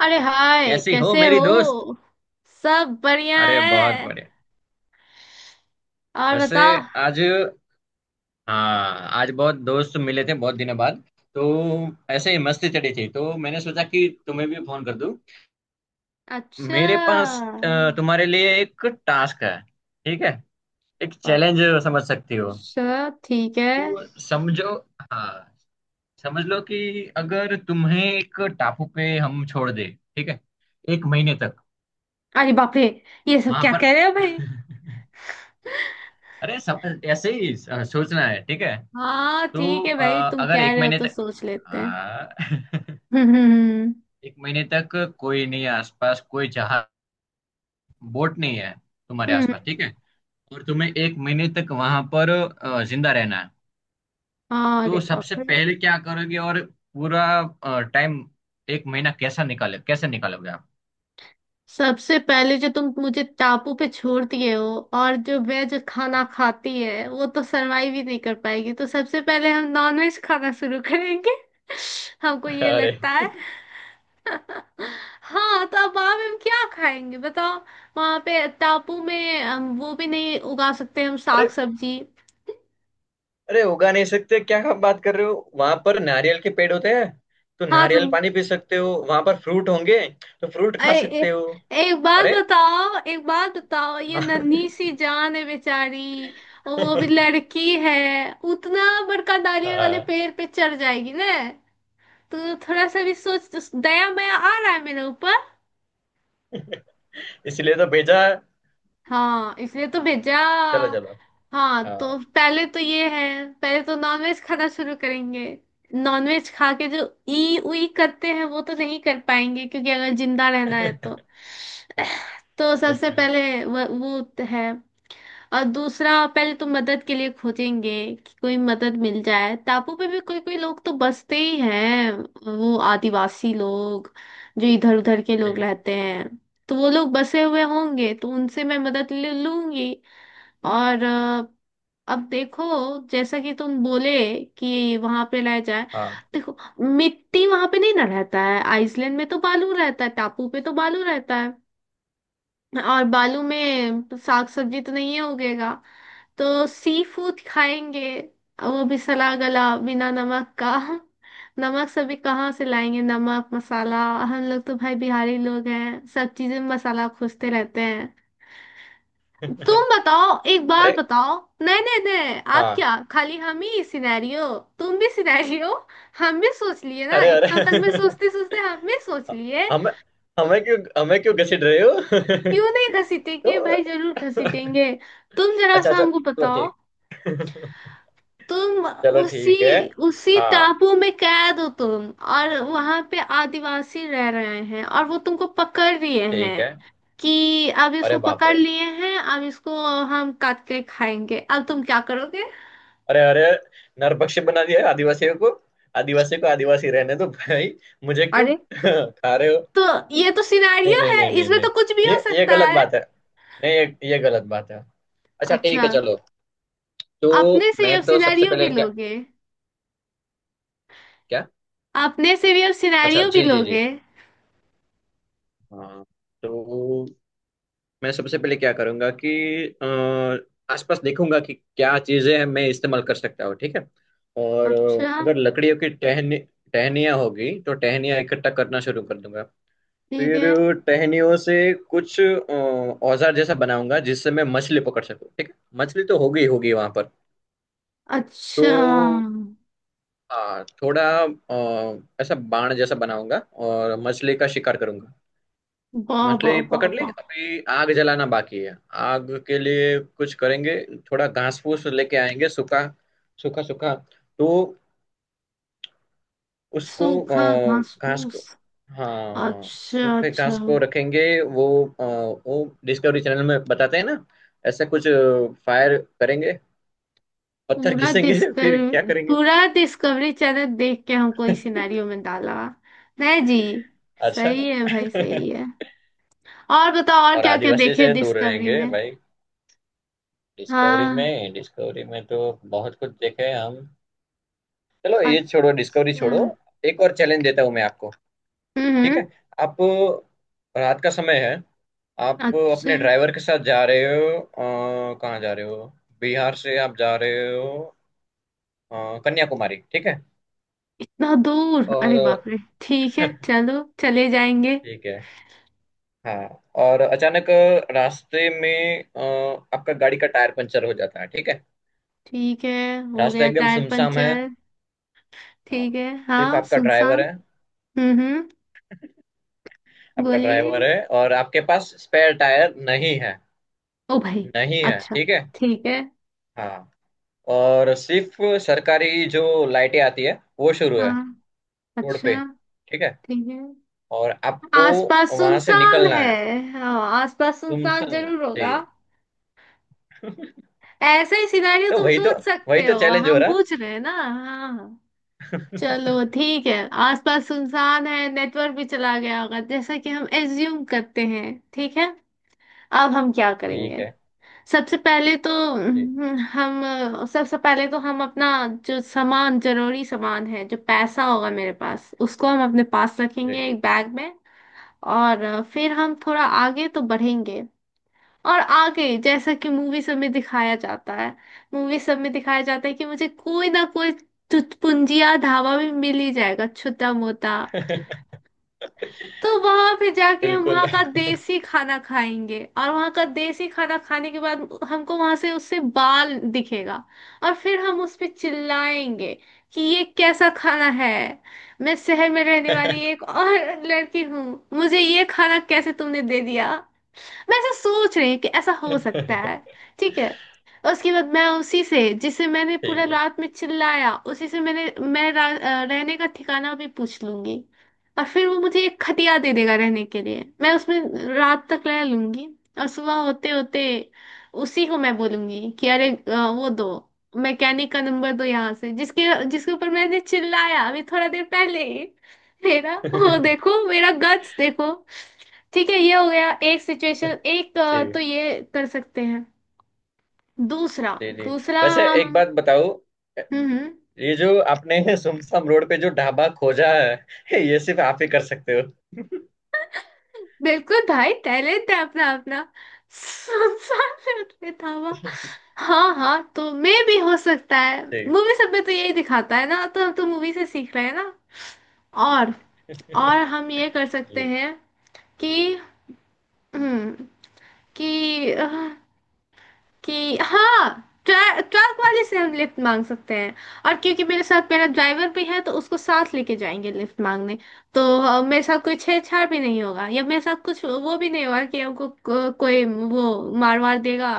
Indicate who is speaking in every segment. Speaker 1: अरे हाय,
Speaker 2: कैसी हो
Speaker 1: कैसे
Speaker 2: मेरी दोस्त।
Speaker 1: हो। सब बढ़िया
Speaker 2: अरे बहुत
Speaker 1: है।
Speaker 2: बढ़िया।
Speaker 1: और
Speaker 2: वैसे
Speaker 1: बताओ।
Speaker 2: आज, हाँ, आज बहुत दोस्त मिले थे बहुत दिनों बाद। तो ऐसे ही मस्ती चढ़ी थी तो मैंने सोचा कि तुम्हें भी फोन कर दूं।
Speaker 1: अच्छा।
Speaker 2: मेरे पास तुम्हारे लिए एक टास्क है। ठीक है। एक चैलेंज समझ सकती हो।
Speaker 1: अच्छा ठीक है।
Speaker 2: तो समझो, हाँ, समझ लो कि अगर तुम्हें एक टापू पे हम छोड़ दे। ठीक है, एक महीने तक।
Speaker 1: अरे बाप रे, ये सब
Speaker 2: वहां
Speaker 1: क्या
Speaker 2: पर
Speaker 1: कह रहे हो भाई।
Speaker 2: अरे सब ऐसे ही सोचना है। ठीक है।
Speaker 1: हाँ ठीक
Speaker 2: तो
Speaker 1: है भाई, तुम
Speaker 2: अगर
Speaker 1: कह
Speaker 2: एक
Speaker 1: रहे हो
Speaker 2: महीने
Speaker 1: तो
Speaker 2: तक,
Speaker 1: सोच लेते हैं।
Speaker 2: हाँ
Speaker 1: हम्म।
Speaker 2: एक महीने तक कोई नहीं है आसपास। कोई जहाज, बोट नहीं है तुम्हारे
Speaker 1: हम्म,
Speaker 2: आसपास।
Speaker 1: हम्म,
Speaker 2: ठीक है। और तुम्हें एक महीने तक वहां पर जिंदा रहना है।
Speaker 1: हाँ, अरे
Speaker 2: तो सबसे
Speaker 1: बाप रे।
Speaker 2: पहले क्या करोगे? और पूरा टाइम, एक महीना कैसा निकाले, कैसे निकालोगे आप?
Speaker 1: सबसे पहले जो तुम मुझे टापू पे छोड़ दिए हो और जो वेज खाना खाती है वो तो सरवाइव ही नहीं कर पाएगी, तो सबसे पहले हम नॉनवेज खाना शुरू करेंगे। हमको ये
Speaker 2: अरे,
Speaker 1: लगता है। हाँ तो अब वहां पे हम क्या खाएंगे बताओ। वहां पे टापू में हम वो भी नहीं उगा सकते, हम साग
Speaker 2: अरे।
Speaker 1: सब्जी।
Speaker 2: अरे उगा नहीं सकते क्या? आप बात कर रहे हो, वहां पर नारियल के पेड़ होते हैं। तो
Speaker 1: हाँ तो
Speaker 2: नारियल पानी पी सकते हो, वहां पर फ्रूट होंगे। तो फ्रूट
Speaker 1: ए,
Speaker 2: खा
Speaker 1: ए,
Speaker 2: सकते हो।
Speaker 1: एक बात
Speaker 2: अरे,
Speaker 1: बताओ, एक बात बताओ, ये
Speaker 2: हाँ
Speaker 1: नन्ही सी जान है बेचारी। और वो भी लड़की है। उतना बड़का नारियल वाले
Speaker 2: हाँ
Speaker 1: पेड़ पे चढ़ जाएगी ना। तो थोड़ा सा भी सोच, दया माया आ रहा है मेरे ऊपर।
Speaker 2: इसलिए तो भेजा है।
Speaker 1: हाँ इसलिए तो भेजा।
Speaker 2: चलो चलो।
Speaker 1: हाँ तो
Speaker 2: हाँ
Speaker 1: पहले तो ये है। पहले तो नॉनवेज खाना शुरू करेंगे। नॉनवेज खा के जो ई उई करते हैं वो तो नहीं कर पाएंगे, क्योंकि अगर जिंदा रहना है तो। तो सबसे
Speaker 2: बिल्कुल।
Speaker 1: पहले वो है। और दूसरा, पहले तो मदद के लिए खोजेंगे कि कोई मदद मिल जाए। टापू पे भी कोई कोई लोग तो बसते ही हैं, वो आदिवासी लोग, जो इधर उधर के
Speaker 2: जी।
Speaker 1: लोग रहते हैं। तो वो लोग बसे हुए होंगे तो उनसे मैं मदद ले लूंगी। और अब देखो, जैसा कि तुम बोले कि वहां पे रह जाए।
Speaker 2: हाँ
Speaker 1: देखो, मिट्टी वहां पे नहीं ना रहता है। आइसलैंड में तो बालू रहता है, टापू पे तो बालू रहता है। और बालू में साग सब्जी तो नहीं उगेगा। तो सी फूड खाएंगे। वो भी सला गला, बिना नमक का। नमक सभी कहाँ से लाएंगे, नमक मसाला। हम लोग तो भाई बिहारी लोग हैं, सब चीजें में मसाला खोजते रहते हैं। तुम बताओ, एक बात
Speaker 2: अरे,
Speaker 1: बताओ। नहीं नहीं नहीं, आप
Speaker 2: हाँ।
Speaker 1: क्या खाली हम ही सिनेरियो। तुम भी सिनेरियो। हम भी सोच लिए ना,
Speaker 2: अरे,
Speaker 1: इतना तक में
Speaker 2: अरे
Speaker 1: सोचते सोचते हम भी सोच लिए।
Speaker 2: हमें हमें क्यों हमें क्यों घसीट रहे हो
Speaker 1: क्यों नहीं
Speaker 2: तो
Speaker 1: घसीटेंगे भाई, जरूर घसीटेंगे। तुम जरा
Speaker 2: अच्छा,
Speaker 1: सा
Speaker 2: अच्छा,
Speaker 1: हमको
Speaker 2: चलो
Speaker 1: बताओ।
Speaker 2: ठीक
Speaker 1: तुम
Speaker 2: चलो
Speaker 1: उसी
Speaker 2: ठीक है।
Speaker 1: उसी
Speaker 2: हाँ,
Speaker 1: टापू में कैद हो तुम। और वहां पे आदिवासी रह रहे हैं, और वो तुमको पकड़ लिए हैं
Speaker 2: ठीक है।
Speaker 1: कि अब
Speaker 2: अरे
Speaker 1: इसको
Speaker 2: बाप
Speaker 1: पकड़
Speaker 2: रे।
Speaker 1: लिए हैं, अब इसको हम काट के खाएंगे, अब तुम क्या करोगे।
Speaker 2: अरे, अरे। नरभक्षी बना दिया है आदिवासियों को। आदिवासी को आदिवासी रहने दो भाई। मुझे क्यों
Speaker 1: अरे,
Speaker 2: खा रहे हो?
Speaker 1: तो ये तो
Speaker 2: नहीं
Speaker 1: सिनारियो
Speaker 2: नहीं
Speaker 1: है,
Speaker 2: नहीं नहीं
Speaker 1: इसमें
Speaker 2: नहीं,
Speaker 1: तो कुछ भी
Speaker 2: ये
Speaker 1: हो
Speaker 2: ये
Speaker 1: सकता
Speaker 2: गलत
Speaker 1: है।
Speaker 2: बात है। नहीं, ये गलत बात है। अच्छा ठीक
Speaker 1: अच्छा।
Speaker 2: है, चलो।
Speaker 1: अपने
Speaker 2: तो
Speaker 1: से ही
Speaker 2: मैं
Speaker 1: अब
Speaker 2: तो सबसे
Speaker 1: सिनारियो भी
Speaker 2: पहले क्या?
Speaker 1: लोगे।
Speaker 2: क्या?
Speaker 1: अपने से भी अब
Speaker 2: अच्छा,
Speaker 1: सिनारियो भी
Speaker 2: जी जी जी।
Speaker 1: लोगे।
Speaker 2: हाँ, तो मैं सबसे पहले क्या करूंगा कि आसपास देखूंगा कि क्या चीजें हैं मैं इस्तेमाल कर सकता हूँ। ठीक है। और
Speaker 1: अच्छा
Speaker 2: अगर लकड़ियों की टहनी, टहनियाँ होगी तो टहनियाँ इकट्ठा करना शुरू कर दूंगा।
Speaker 1: ठीक
Speaker 2: फिर
Speaker 1: है।
Speaker 2: टहनियों से कुछ औजार जैसा बनाऊंगा जिससे मैं मछली पकड़ सकूँ। ठीक है। मछली तो होगी, होगी वहां पर।
Speaker 1: अच्छा।
Speaker 2: तो हाँ, थोड़ा ऐसा बाण जैसा बनाऊंगा और मछली का शिकार करूंगा।
Speaker 1: वाह वाह
Speaker 2: मछली
Speaker 1: वाह
Speaker 2: पकड़ ली,
Speaker 1: वाह।
Speaker 2: अभी आग जलाना बाकी है। आग के लिए कुछ करेंगे। थोड़ा घास फूस लेके आएंगे, सूखा, सूखा, सूखा। तो उसको,
Speaker 1: सूखा घास
Speaker 2: घास को,
Speaker 1: फूस।
Speaker 2: हाँ,
Speaker 1: अच्छा
Speaker 2: सूखे
Speaker 1: अच्छा।
Speaker 2: घास को रखेंगे। अ, वो डिस्कवरी चैनल में बताते हैं ना? ऐसा कुछ फायर करेंगे, पत्थर
Speaker 1: पूरा
Speaker 2: घिसेंगे फिर क्या
Speaker 1: डिस्कवर,
Speaker 2: करेंगे
Speaker 1: पूरा डिस्कवरी चैनल देख के हमको इस सिनेरियो में डाला। नहीं जी।
Speaker 2: अच्छा
Speaker 1: सही है भाई, सही है। और बताओ, और
Speaker 2: और
Speaker 1: क्या क्या
Speaker 2: आदिवासी
Speaker 1: देखे
Speaker 2: से दूर
Speaker 1: डिस्कवरी
Speaker 2: रहेंगे
Speaker 1: में।
Speaker 2: भाई। डिस्कवरी
Speaker 1: हाँ।
Speaker 2: में डिस्कवरी में तो बहुत कुछ देखे हैं हम। चलो ये छोड़ो,
Speaker 1: अच्छा।
Speaker 2: डिस्कवरी छोड़ो।
Speaker 1: हम्म।
Speaker 2: एक और चैलेंज देता हूँ मैं आपको। ठीक
Speaker 1: हम्म,
Speaker 2: है। आप, रात का समय है। आप
Speaker 1: अच्छा।
Speaker 2: अपने ड्राइवर के साथ जा रहे हो कहाँ जा रहे हो? बिहार से आप जा रहे हो कन्याकुमारी। ठीक है।
Speaker 1: इतना दूर, अरे बाप
Speaker 2: और
Speaker 1: रे। ठीक है, चलो चले जाएंगे।
Speaker 2: ठीक है। हाँ, और अचानक रास्ते में आपका गाड़ी का टायर पंचर हो जाता है। ठीक है।
Speaker 1: ठीक है, हो
Speaker 2: रास्ता
Speaker 1: गया
Speaker 2: एकदम
Speaker 1: टायर
Speaker 2: सुमसाम है।
Speaker 1: पंचर।
Speaker 2: हाँ,
Speaker 1: ठीक है,
Speaker 2: सिर्फ
Speaker 1: हाँ
Speaker 2: आपका ड्राइवर
Speaker 1: सुनसान।
Speaker 2: है
Speaker 1: हम्म।
Speaker 2: आपका ड्राइवर
Speaker 1: बोलिए।
Speaker 2: है और आपके पास स्पेयर टायर नहीं है।
Speaker 1: ओ भाई।
Speaker 2: नहीं है।
Speaker 1: अच्छा।
Speaker 2: ठीक है।
Speaker 1: ठीक है।
Speaker 2: हाँ, और सिर्फ सरकारी जो लाइटें आती है, वो शुरू है
Speaker 1: हाँ।
Speaker 2: रोड पे।
Speaker 1: अच्छा।
Speaker 2: ठीक है।
Speaker 1: ठीक है।
Speaker 2: और आपको
Speaker 1: आसपास
Speaker 2: वहां से
Speaker 1: सुनसान
Speaker 2: निकलना
Speaker 1: है।
Speaker 2: है।
Speaker 1: हाँ। आसपास सुनसान
Speaker 2: गुमसम है
Speaker 1: जरूर
Speaker 2: जी
Speaker 1: होगा। ऐसा ही सिनेरियो
Speaker 2: तो
Speaker 1: तुम
Speaker 2: वही तो
Speaker 1: सोच
Speaker 2: वही
Speaker 1: सकते
Speaker 2: तो
Speaker 1: हो।
Speaker 2: चैलेंज हो
Speaker 1: हम
Speaker 2: रहा।
Speaker 1: पूछ रहे हैं ना, हाँ। चलो ठीक है। आसपास सुनसान है, नेटवर्क भी चला गया होगा, जैसा कि हम एज्यूम करते हैं। ठीक है, अब हम क्या
Speaker 2: ठीक
Speaker 1: करेंगे।
Speaker 2: है।
Speaker 1: सबसे पहले तो
Speaker 2: जी
Speaker 1: हम, सबसे पहले तो हम अपना जो सामान, जरूरी सामान है, जो पैसा होगा मेरे पास, उसको हम अपने पास
Speaker 2: जी
Speaker 1: रखेंगे एक बैग में। और फिर हम थोड़ा आगे तो बढ़ेंगे। और आगे जैसा कि मूवी सब में दिखाया जाता है, मूवी सब में दिखाया जाता है कि मुझे कोई ना कोई चुटपुंजिया ढाबा भी मिल ही जाएगा, छोटा मोटा। तो वहां पे जाके हम
Speaker 2: बिल्कुल
Speaker 1: वहां का देसी खाना खाएंगे, और वहां का देसी खाना खाने के बाद हमको वहां से उससे बाल दिखेगा। और फिर हम उस पे चिल्लाएंगे कि ये कैसा खाना है, मैं शहर में रहने वाली एक और लड़की हूँ, मुझे ये खाना कैसे तुमने दे दिया। मैं ऐसा सोच रही हूँ कि ऐसा हो सकता है।
Speaker 2: ठीक
Speaker 1: ठीक है। उसके बाद मैं उसी से, जिसे मैंने पूरा
Speaker 2: है
Speaker 1: रात में चिल्लाया, उसी से मैंने रहने का ठिकाना भी पूछ लूंगी। और फिर वो मुझे एक खटिया दे देगा रहने के लिए, मैं उसमें रात तक रह लूंगी। और सुबह होते होते उसी को मैं बोलूंगी कि अरे वो दो, मैकेनिक का नंबर दो यहाँ से, जिसके जिसके ऊपर मैंने चिल्लाया अभी थोड़ा देर पहले ही। मेरा वो देखो, मेरा गट्स देखो। ठीक है, ये हो गया एक सिचुएशन, एक,
Speaker 2: जी
Speaker 1: तो ये कर सकते हैं। दूसरा।
Speaker 2: जी जी।
Speaker 1: दूसरा
Speaker 2: वैसे
Speaker 1: हम।
Speaker 2: एक बात बताओ,
Speaker 1: हम्म।
Speaker 2: ये जो आपने सुमसम रोड पे जो ढाबा खोजा है ये सिर्फ आप ही कर सकते हो
Speaker 1: बिल्कुल भाई, टैलेंट है अपना अपना। संसार में उतने धावा। हाँ हाँ, तो मैं भी हो सकता है।
Speaker 2: जी
Speaker 1: मूवी सब में तो यही दिखाता है ना, तो हम तो मूवी से सीख रहे हैं ना। और और हम ये कर सकते
Speaker 2: जी
Speaker 1: हैं कि हम्म कि अ, कि हाँ, ट्रक वाले से हम लिफ्ट मांग सकते हैं। और क्योंकि मेरे साथ मेरा ड्राइवर भी है तो उसको साथ लेके जाएंगे लिफ्ट मांगने। तो मेरे साथ कोई छेड़छाड़ भी नहीं होगा, या मेरे साथ कुछ वो भी नहीं होगा कि हमको कोई वो मार वार देगा।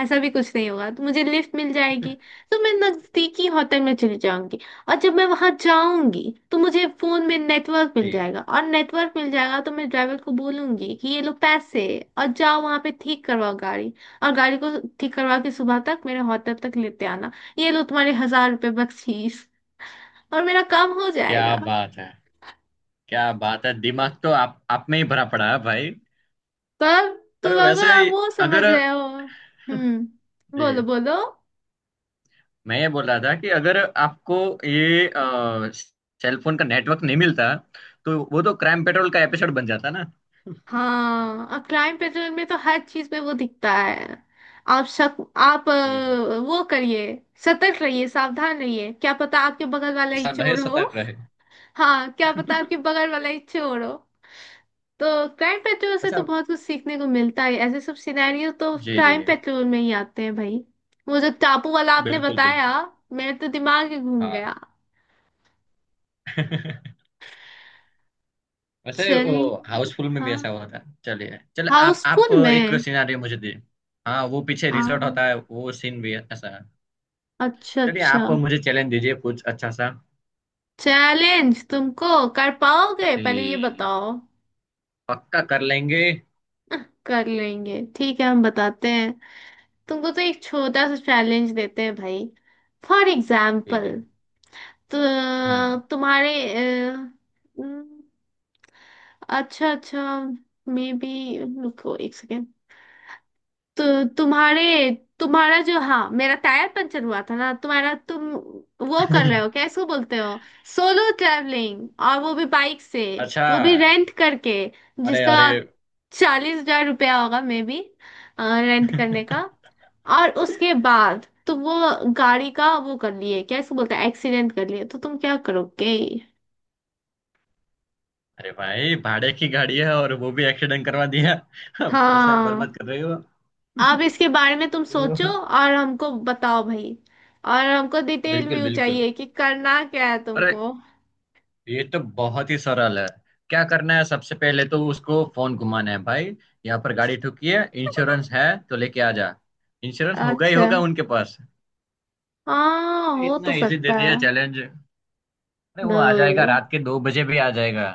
Speaker 1: ऐसा भी कुछ नहीं होगा, तो मुझे लिफ्ट मिल जाएगी। तो मैं नजदीकी होटल में चली जाऊंगी। और जब मैं वहां जाऊंगी तो मुझे फोन में नेटवर्क मिल
Speaker 2: जी।
Speaker 1: जाएगा, और नेटवर्क मिल जाएगा तो मैं ड्राइवर को बोलूंगी कि ये लो पैसे, और जाओ वहां पे ठीक करवाओ गाड़ी। और गाड़ी को ठीक करवा के सुबह तक मेरे होटल तक लेते आना। ये लो तुम्हारे 1,000 रुपये बख्शीश। और मेरा काम हो
Speaker 2: क्या
Speaker 1: जाएगा।
Speaker 2: बात है! क्या बात है! दिमाग तो आप में ही भरा पड़ा है भाई।
Speaker 1: पर
Speaker 2: और
Speaker 1: तुम
Speaker 2: वैसे,
Speaker 1: होगा वो
Speaker 2: अगर,
Speaker 1: समझ रहे हो, हम्म, बोलो
Speaker 2: जी,
Speaker 1: बोलो।
Speaker 2: मैं ये बोल रहा था कि अगर आपको ये सेलफोन का नेटवर्क नहीं मिलता तो वो तो क्राइम पेट्रोल का एपिसोड बन जाता ना।
Speaker 1: हाँ, और क्राइम पेट्रोल में तो हर चीज में वो दिखता है। आप शक, आप
Speaker 2: जी जी।
Speaker 1: वो करिए, सतर्क रहिए, सावधान रहिए, क्या पता आपके बगल वाला ही
Speaker 2: इंसान रहे,
Speaker 1: चोर हो।
Speaker 2: सतर्क रहे
Speaker 1: हाँ, क्या पता आपके बगल वाला ही चोर हो। तो क्राइम पेट्रोल से तो
Speaker 2: अच्छा,
Speaker 1: बहुत कुछ सीखने को मिलता है, ऐसे सब सिनेरियो तो
Speaker 2: जी जी।
Speaker 1: क्राइम पेट्रोल में ही आते हैं भाई। वो जो टापू वाला आपने
Speaker 2: बिल्कुल,
Speaker 1: बताया,
Speaker 2: बिल्कुल।
Speaker 1: मेरे तो दिमाग ही घूम
Speaker 2: हाँ
Speaker 1: गया।
Speaker 2: वैसे वो
Speaker 1: चलिए।
Speaker 2: हाउसफुल में भी
Speaker 1: हाँ।
Speaker 2: ऐसा हुआ था। चलिए, चलो आप,
Speaker 1: हाउसफुल
Speaker 2: एक
Speaker 1: में।
Speaker 2: सिनारियो मुझे दीजिए। हाँ, वो पीछे रिसोर्ट
Speaker 1: हाँ।
Speaker 2: होता है, वो सीन भी ऐसा है।
Speaker 1: अच्छा
Speaker 2: चलिए, आप
Speaker 1: अच्छा।
Speaker 2: मुझे चैलेंज दीजिए कुछ अच्छा सा।
Speaker 1: चैलेंज तुमको कर पाओगे, पहले ये
Speaker 2: जी,
Speaker 1: बताओ।
Speaker 2: पक्का कर लेंगे।
Speaker 1: कर लेंगे ठीक है, हम बताते हैं। तुमको तो एक छोटा सा चैलेंज देते हैं भाई। फॉर
Speaker 2: जी
Speaker 1: एग्जाम्पल।
Speaker 2: जी।
Speaker 1: तो
Speaker 2: हम्म
Speaker 1: तुम्हारे, अच्छा अच्छा, मे बी, रुको एक सेकेंड। तो तुम्हारे तुम्हारा जो, हाँ, मेरा टायर पंचर हुआ था ना, तुम वो कर रहे हो क्या इसको बोलते हो, सोलो ट्रैवलिंग, और वो भी बाइक से।
Speaker 2: अच्छा।
Speaker 1: वो भी रेंट करके,
Speaker 2: अरे,
Speaker 1: जिसका
Speaker 2: अरे।
Speaker 1: 40,000 रुपया होगा मे बी, रेंट करने का। और उसके बाद तुम वो गाड़ी का वो कर लिए, क्या इसको बोलते हैं, एक्सीडेंट कर लिए, तो तुम क्या करोगे।
Speaker 2: अरे भाई, भाड़े की गाड़ी है और वो भी एक्सीडेंट करवा दिया पैसा
Speaker 1: हाँ,
Speaker 2: बर्बाद कर रहे हो।
Speaker 1: आप इसके बारे में तुम सोचो
Speaker 2: तो
Speaker 1: और हमको बताओ भाई। और हमको डिटेल
Speaker 2: बिल्कुल,
Speaker 1: व्यू
Speaker 2: बिल्कुल।
Speaker 1: चाहिए कि करना क्या है
Speaker 2: अरे,
Speaker 1: तुमको।
Speaker 2: ये तो बहुत ही सरल है। क्या करना है, सबसे पहले तो उसको फोन घुमाना है भाई। यहाँ पर गाड़ी ठुकी है, इंश्योरेंस है, तो लेके आ जा। इंश्योरेंस होगा ही
Speaker 1: अच्छा।
Speaker 2: होगा उनके पास।
Speaker 1: हाँ हो तो
Speaker 2: इतना इजी दे
Speaker 1: सकता
Speaker 2: दिया
Speaker 1: है।
Speaker 2: चैलेंज अरे। वो आ जाएगा,
Speaker 1: दो।
Speaker 2: रात के 2 बजे भी आ जाएगा।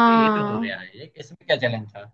Speaker 2: अरे, ये तो हो गया है, ये इसमें क्या चैलेंज था?